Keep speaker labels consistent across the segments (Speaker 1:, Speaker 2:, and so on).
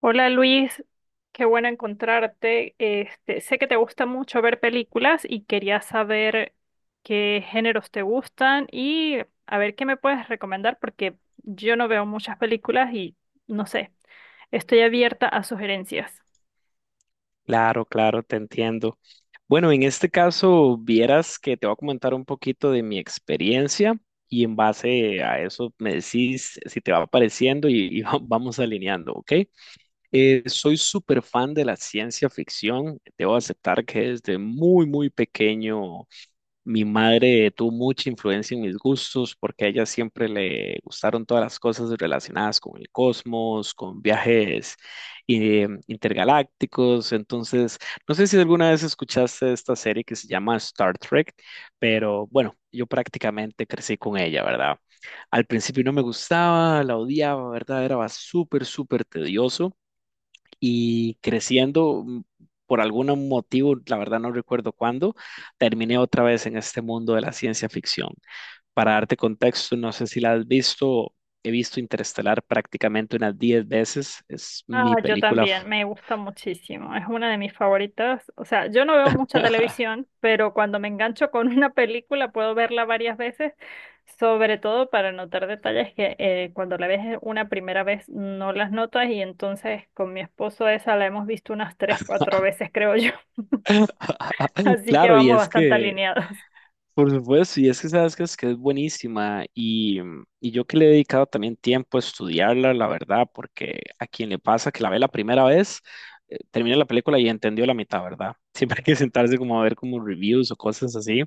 Speaker 1: Hola Luis, qué bueno encontrarte. Sé que te gusta mucho ver películas y quería saber qué géneros te gustan y a ver qué me puedes recomendar porque yo no veo muchas películas y no sé, estoy abierta a sugerencias.
Speaker 2: Claro, claro, te entiendo. Bueno, en este caso, vieras que te voy a comentar un poquito de mi experiencia y en base a eso me decís si te va pareciendo y vamos alineando, ¿ok? Soy súper fan de la ciencia ficción. Debo aceptar que desde muy, muy pequeño mi madre tuvo mucha influencia en mis gustos porque a ella siempre le gustaron todas las cosas relacionadas con el cosmos, con viajes intergalácticos. Entonces, no sé si alguna vez escuchaste esta serie que se llama Star Trek, pero bueno, yo prácticamente crecí con ella, ¿verdad? Al principio no me gustaba, la odiaba, ¿verdad? Era súper, súper tedioso y creciendo, por algún motivo, la verdad no recuerdo cuándo, terminé otra vez en este mundo de la ciencia ficción. Para darte contexto, no sé si la has visto, he visto Interestelar prácticamente unas 10 veces, es
Speaker 1: Ah,
Speaker 2: mi
Speaker 1: yo
Speaker 2: película.
Speaker 1: también, me gusta muchísimo, es una de mis favoritas. O sea, yo no veo mucha televisión, pero cuando me engancho con una película puedo verla varias veces, sobre todo para notar detalles que cuando la ves una primera vez no las notas y entonces con mi esposo esa la hemos visto unas tres, cuatro veces, creo yo. Así que
Speaker 2: Claro, y
Speaker 1: vamos
Speaker 2: es
Speaker 1: bastante
Speaker 2: que
Speaker 1: alineados.
Speaker 2: Por supuesto, y es que sabes que es buenísima y y yo que le he dedicado también tiempo a estudiarla, la verdad, porque a quien le pasa que la ve la primera vez, termina la película y entendió la mitad, ¿verdad? Siempre hay que sentarse como a ver como reviews o cosas así,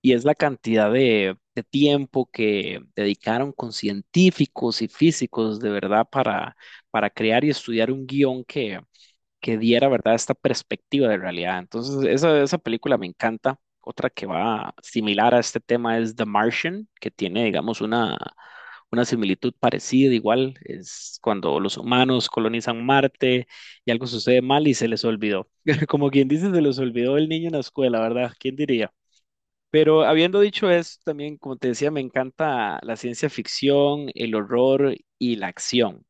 Speaker 2: y es la cantidad de tiempo que dedicaron con científicos y físicos de verdad para crear y estudiar un guión que diera, ¿verdad?, esta perspectiva de realidad. Entonces, esa película me encanta. Otra que va similar a este tema es The Martian, que tiene, digamos, una similitud parecida, igual, es cuando los humanos colonizan Marte y algo sucede mal y se les olvidó. Como quien dice, se les olvidó el niño en la escuela, ¿verdad? ¿Quién diría? Pero habiendo dicho eso, también, como te decía, me encanta la ciencia ficción, el horror y la acción.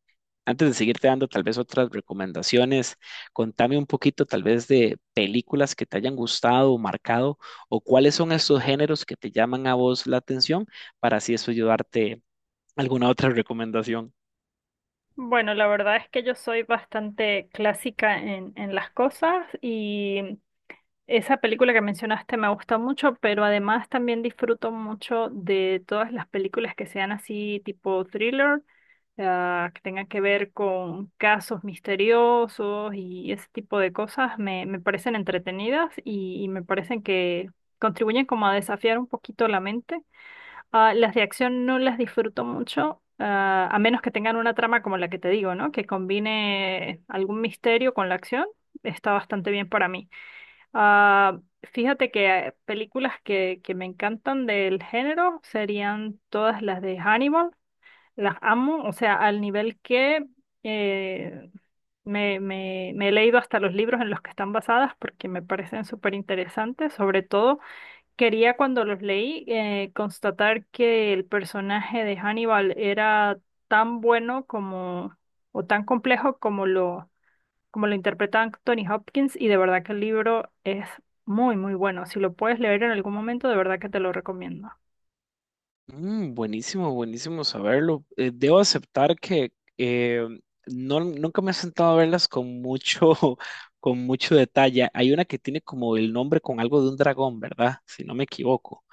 Speaker 2: Antes de seguirte dando tal vez otras recomendaciones, contame un poquito tal vez de películas que te hayan gustado o marcado, o cuáles son esos géneros que te llaman a vos la atención, para así eso ayudarte a alguna otra recomendación.
Speaker 1: Bueno, la verdad es que yo soy bastante clásica en las cosas y esa película que mencionaste me gusta mucho, pero además también disfruto mucho de todas las películas que sean así tipo thriller, ah, que tengan que ver con casos misteriosos y ese tipo de cosas. Me parecen entretenidas y me parecen que contribuyen como a desafiar un poquito la mente. Ah, las de acción no las disfruto mucho. Ah, a menos que tengan una trama como la que te digo, ¿no? Que combine algún misterio con la acción, está bastante bien para mí. Ah, fíjate que películas que me encantan del género serían todas las de Hannibal. Las amo, o sea, al nivel que eh, me he leído hasta los libros en los que están basadas porque me parecen súper interesantes. Sobre todo, quería cuando los leí constatar que el personaje de Hannibal era tan bueno como o tan complejo como lo interpreta Anthony Hopkins y de verdad que el libro es muy, muy bueno. Si lo puedes leer en algún momento, de verdad que te lo recomiendo.
Speaker 2: Mm, buenísimo, buenísimo saberlo. Debo aceptar que no, nunca me he sentado a verlas con mucho, con mucho detalle. Hay una que tiene como el nombre con algo de un dragón, ¿verdad? Si no me equivoco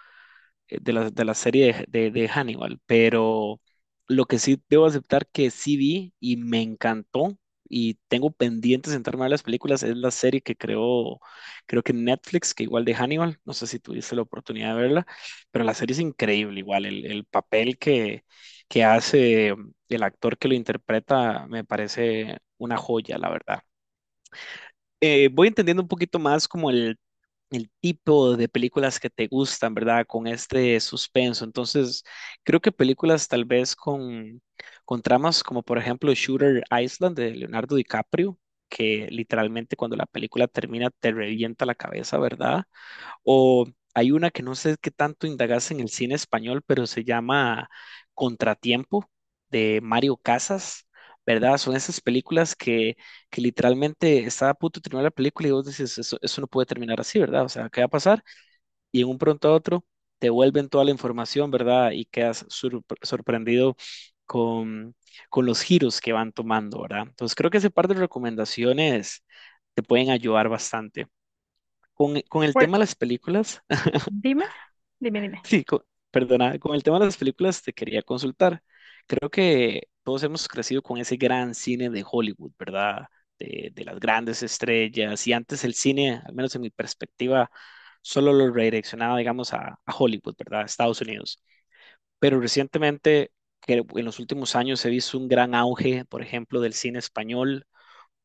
Speaker 2: de la serie de Hannibal, pero lo que sí debo aceptar que sí vi y me encantó y tengo pendiente sentarme a ver las películas es la serie que creó, creo que Netflix, que igual de Hannibal, no sé si tuviste la oportunidad de verla, pero la serie es increíble, igual el papel que hace el actor que lo interpreta me parece una joya, la verdad. Voy entendiendo un poquito más como el tipo de películas que te gustan, ¿verdad? Con este suspenso. Entonces, creo que películas tal vez con tramas como por ejemplo Shooter Island de Leonardo DiCaprio, que literalmente cuando la película termina te revienta la cabeza, ¿verdad? O hay una que no sé qué tanto indagas en el cine español, pero se llama Contratiempo de Mario Casas, ¿verdad? Son esas películas que literalmente está a punto de terminar la película y vos dices, eso no puede terminar así, ¿verdad? O sea, ¿qué va a pasar? Y en un pronto a otro te vuelven toda la información, ¿verdad? Y quedas sorprendido con, con los giros que van tomando, ¿verdad? Entonces creo que ese par de recomendaciones te pueden ayudar bastante. Con el
Speaker 1: Bueno,
Speaker 2: tema de las películas,
Speaker 1: dime, dime, dime.
Speaker 2: Sí, co- perdona, con el tema de las películas te quería consultar. Creo que todos hemos crecido con ese gran cine de Hollywood, ¿verdad? De las grandes estrellas. Y antes el cine, al menos en mi perspectiva, solo lo redireccionaba, digamos, a Hollywood, ¿verdad? A Estados Unidos. Pero recientemente, que en los últimos años he visto un gran auge, por ejemplo, del cine español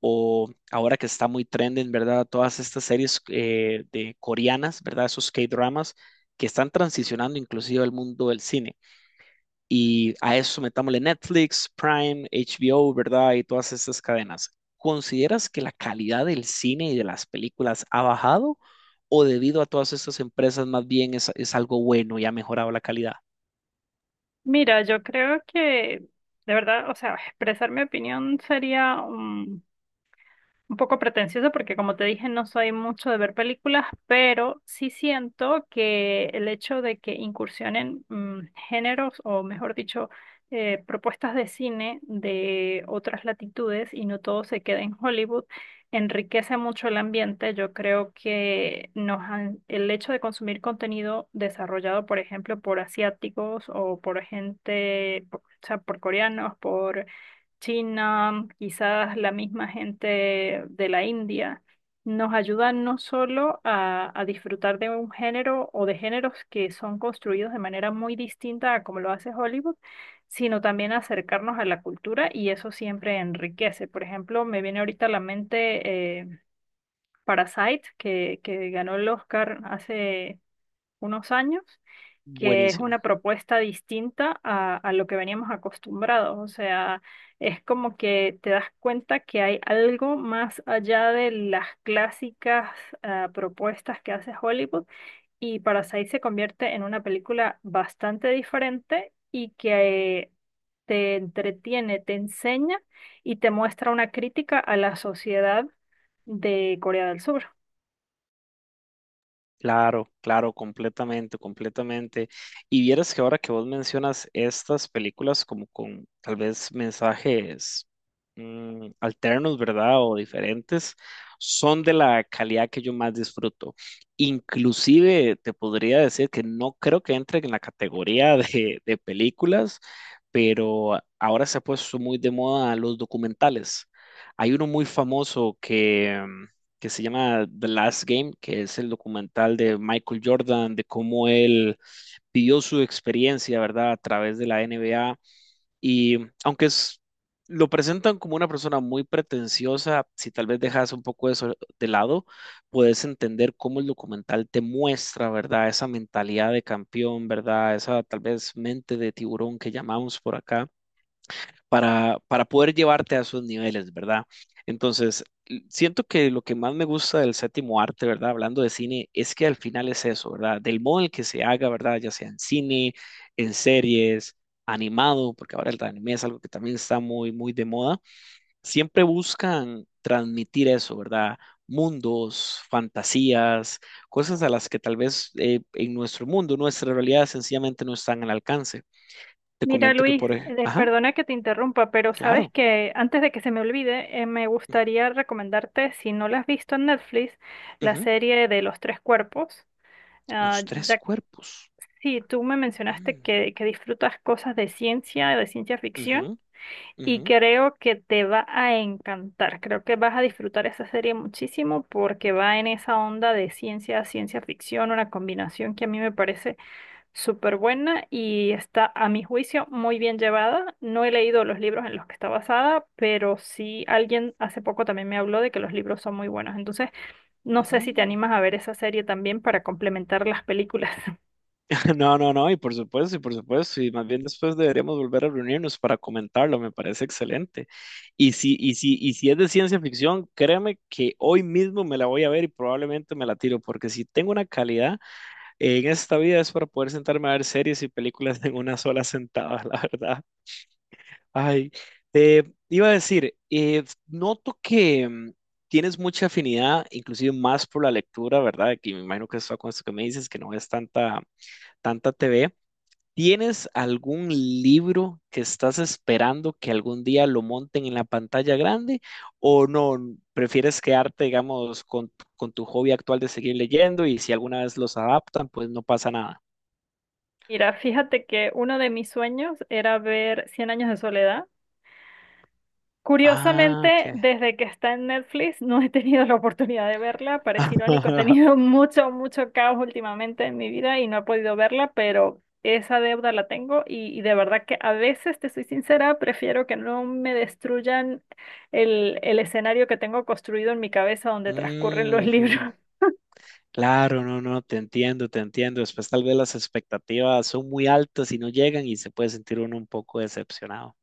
Speaker 2: o ahora que está muy trending, ¿verdad? Todas estas series de coreanas, ¿verdad? Esos K-dramas que están transicionando inclusive al mundo del cine. Y a eso metámosle Netflix, Prime, HBO, ¿verdad? Y todas estas cadenas. ¿Consideras que la calidad del cine y de las películas ha bajado o debido a todas estas empresas más bien es algo bueno y ha mejorado la calidad?
Speaker 1: Mira, yo creo que de verdad, o sea, expresar mi opinión sería un poco pretencioso porque como te dije no soy mucho de ver películas, pero sí siento que el hecho de que incursionen géneros o mejor dicho propuestas de cine de otras latitudes y no todo se queda en Hollywood enriquece mucho el ambiente. Yo creo que el hecho de consumir contenido desarrollado, por ejemplo, por asiáticos o por gente, o sea, por coreanos, por China, quizás la misma gente de la India, nos ayudan no solo a disfrutar de un género o de géneros que son construidos de manera muy distinta a como lo hace Hollywood, sino también a acercarnos a la cultura y eso siempre enriquece. Por ejemplo, me viene ahorita a la mente Parasite, que ganó el Oscar hace unos años, que es una
Speaker 2: Buenísima.
Speaker 1: propuesta distinta a lo que veníamos acostumbrados. O sea, es como que te das cuenta que hay algo más allá de las clásicas ah, propuestas que hace Hollywood y Parasite se convierte en una película bastante diferente y que te entretiene, te enseña y te muestra una crítica a la sociedad de Corea del Sur.
Speaker 2: Claro, claro, completamente, completamente. Y vieras que ahora que vos mencionas estas películas como con tal vez mensajes alternos, ¿verdad? O diferentes, son de la calidad que yo más disfruto. Inclusive te podría decir que no creo que entre en la categoría de películas, pero ahora se ha puesto muy de moda los documentales. Hay uno muy famoso que se llama The Last Game, que es el documental de Michael Jordan, de cómo él vivió su experiencia, ¿verdad?, a través de la NBA. Y aunque es, lo presentan como una persona muy pretenciosa, si tal vez dejas un poco eso de lado, puedes entender cómo el documental te muestra, ¿verdad?, esa mentalidad de campeón, ¿verdad?, esa tal vez mente de tiburón que llamamos por acá para poder llevarte a esos niveles, ¿verdad? Entonces, siento que lo que más me gusta del séptimo arte, ¿verdad? Hablando de cine, es que al final es eso, ¿verdad? Del modo en el que se haga, ¿verdad? Ya sea en cine, en series, animado, porque ahora el anime es algo que también está muy, muy de moda, siempre buscan transmitir eso, ¿verdad? Mundos, fantasías, cosas a las que tal vez en nuestro mundo, nuestra realidad sencillamente no están al alcance. Te
Speaker 1: Mira,
Speaker 2: comento que
Speaker 1: Luis,
Speaker 2: por... ej- Ajá,
Speaker 1: perdona que te interrumpa, pero sabes
Speaker 2: claro.
Speaker 1: que antes de que se me olvide, me gustaría recomendarte, si no la has visto en Netflix, la
Speaker 2: Ujú.
Speaker 1: serie de Los Tres Cuerpos. Ah,
Speaker 2: Los tres
Speaker 1: ya
Speaker 2: cuerpos.
Speaker 1: sí, tú me mencionaste
Speaker 2: Mm,
Speaker 1: que disfrutas cosas de ciencia ficción,
Speaker 2: ujú,
Speaker 1: y
Speaker 2: ujú,
Speaker 1: creo que te va a encantar. Creo que vas a disfrutar esa serie muchísimo porque va en esa onda de ciencia ficción, una combinación que a mí me parece súper buena y está, a mi juicio, muy bien llevada. No he leído los libros en los que está basada, pero sí alguien hace poco también me habló de que los libros son muy buenos. Entonces, no sé si te
Speaker 2: mm.
Speaker 1: animas a ver esa serie también para complementar las películas.
Speaker 2: No, no, no, y por supuesto, y por supuesto, y más bien después deberíamos volver a reunirnos para comentarlo, me parece excelente. Y si es de ciencia ficción, créeme que hoy mismo me la voy a ver y probablemente me la tiro, porque si tengo una calidad en esta vida es para poder sentarme a ver series y películas en una sola sentada, la verdad. Ay, eh, iba a decir, noto que tienes mucha afinidad, inclusive más por la lectura, ¿verdad? Que me imagino que eso con esto que me dices, que no ves tanta TV. ¿Tienes algún libro que estás esperando que algún día lo monten en la pantalla grande? ¿O no? ¿Prefieres quedarte, digamos, con tu hobby actual de seguir leyendo y si alguna vez los adaptan, pues no pasa nada?
Speaker 1: Mira, fíjate que uno de mis sueños era ver Cien años de soledad.
Speaker 2: Ah, ok.
Speaker 1: Curiosamente, desde que está en Netflix no he tenido la oportunidad de verla, parece irónico, he tenido mucho, mucho caos últimamente en mi vida y no he podido verla, pero esa deuda la tengo y de verdad que a veces, te soy sincera, prefiero que no me destruyan el escenario que tengo construido en mi cabeza donde transcurren los libros.
Speaker 2: Ujú. Claro, no, no, te entiendo, te entiendo. Después tal vez las expectativas son muy altas y no llegan y se puede sentir uno un poco decepcionado.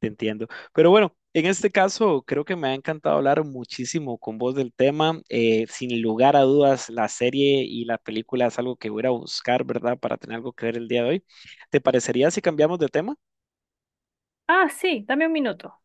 Speaker 2: Te entiendo. Pero bueno, en este caso creo que me ha encantado hablar muchísimo con vos del tema. Sin lugar a dudas, la serie y la película es algo que voy a ir a buscar, ¿verdad? Para tener algo que ver el día de hoy. ¿Te parecería si cambiamos de tema?
Speaker 1: Ah, sí, dame un minuto.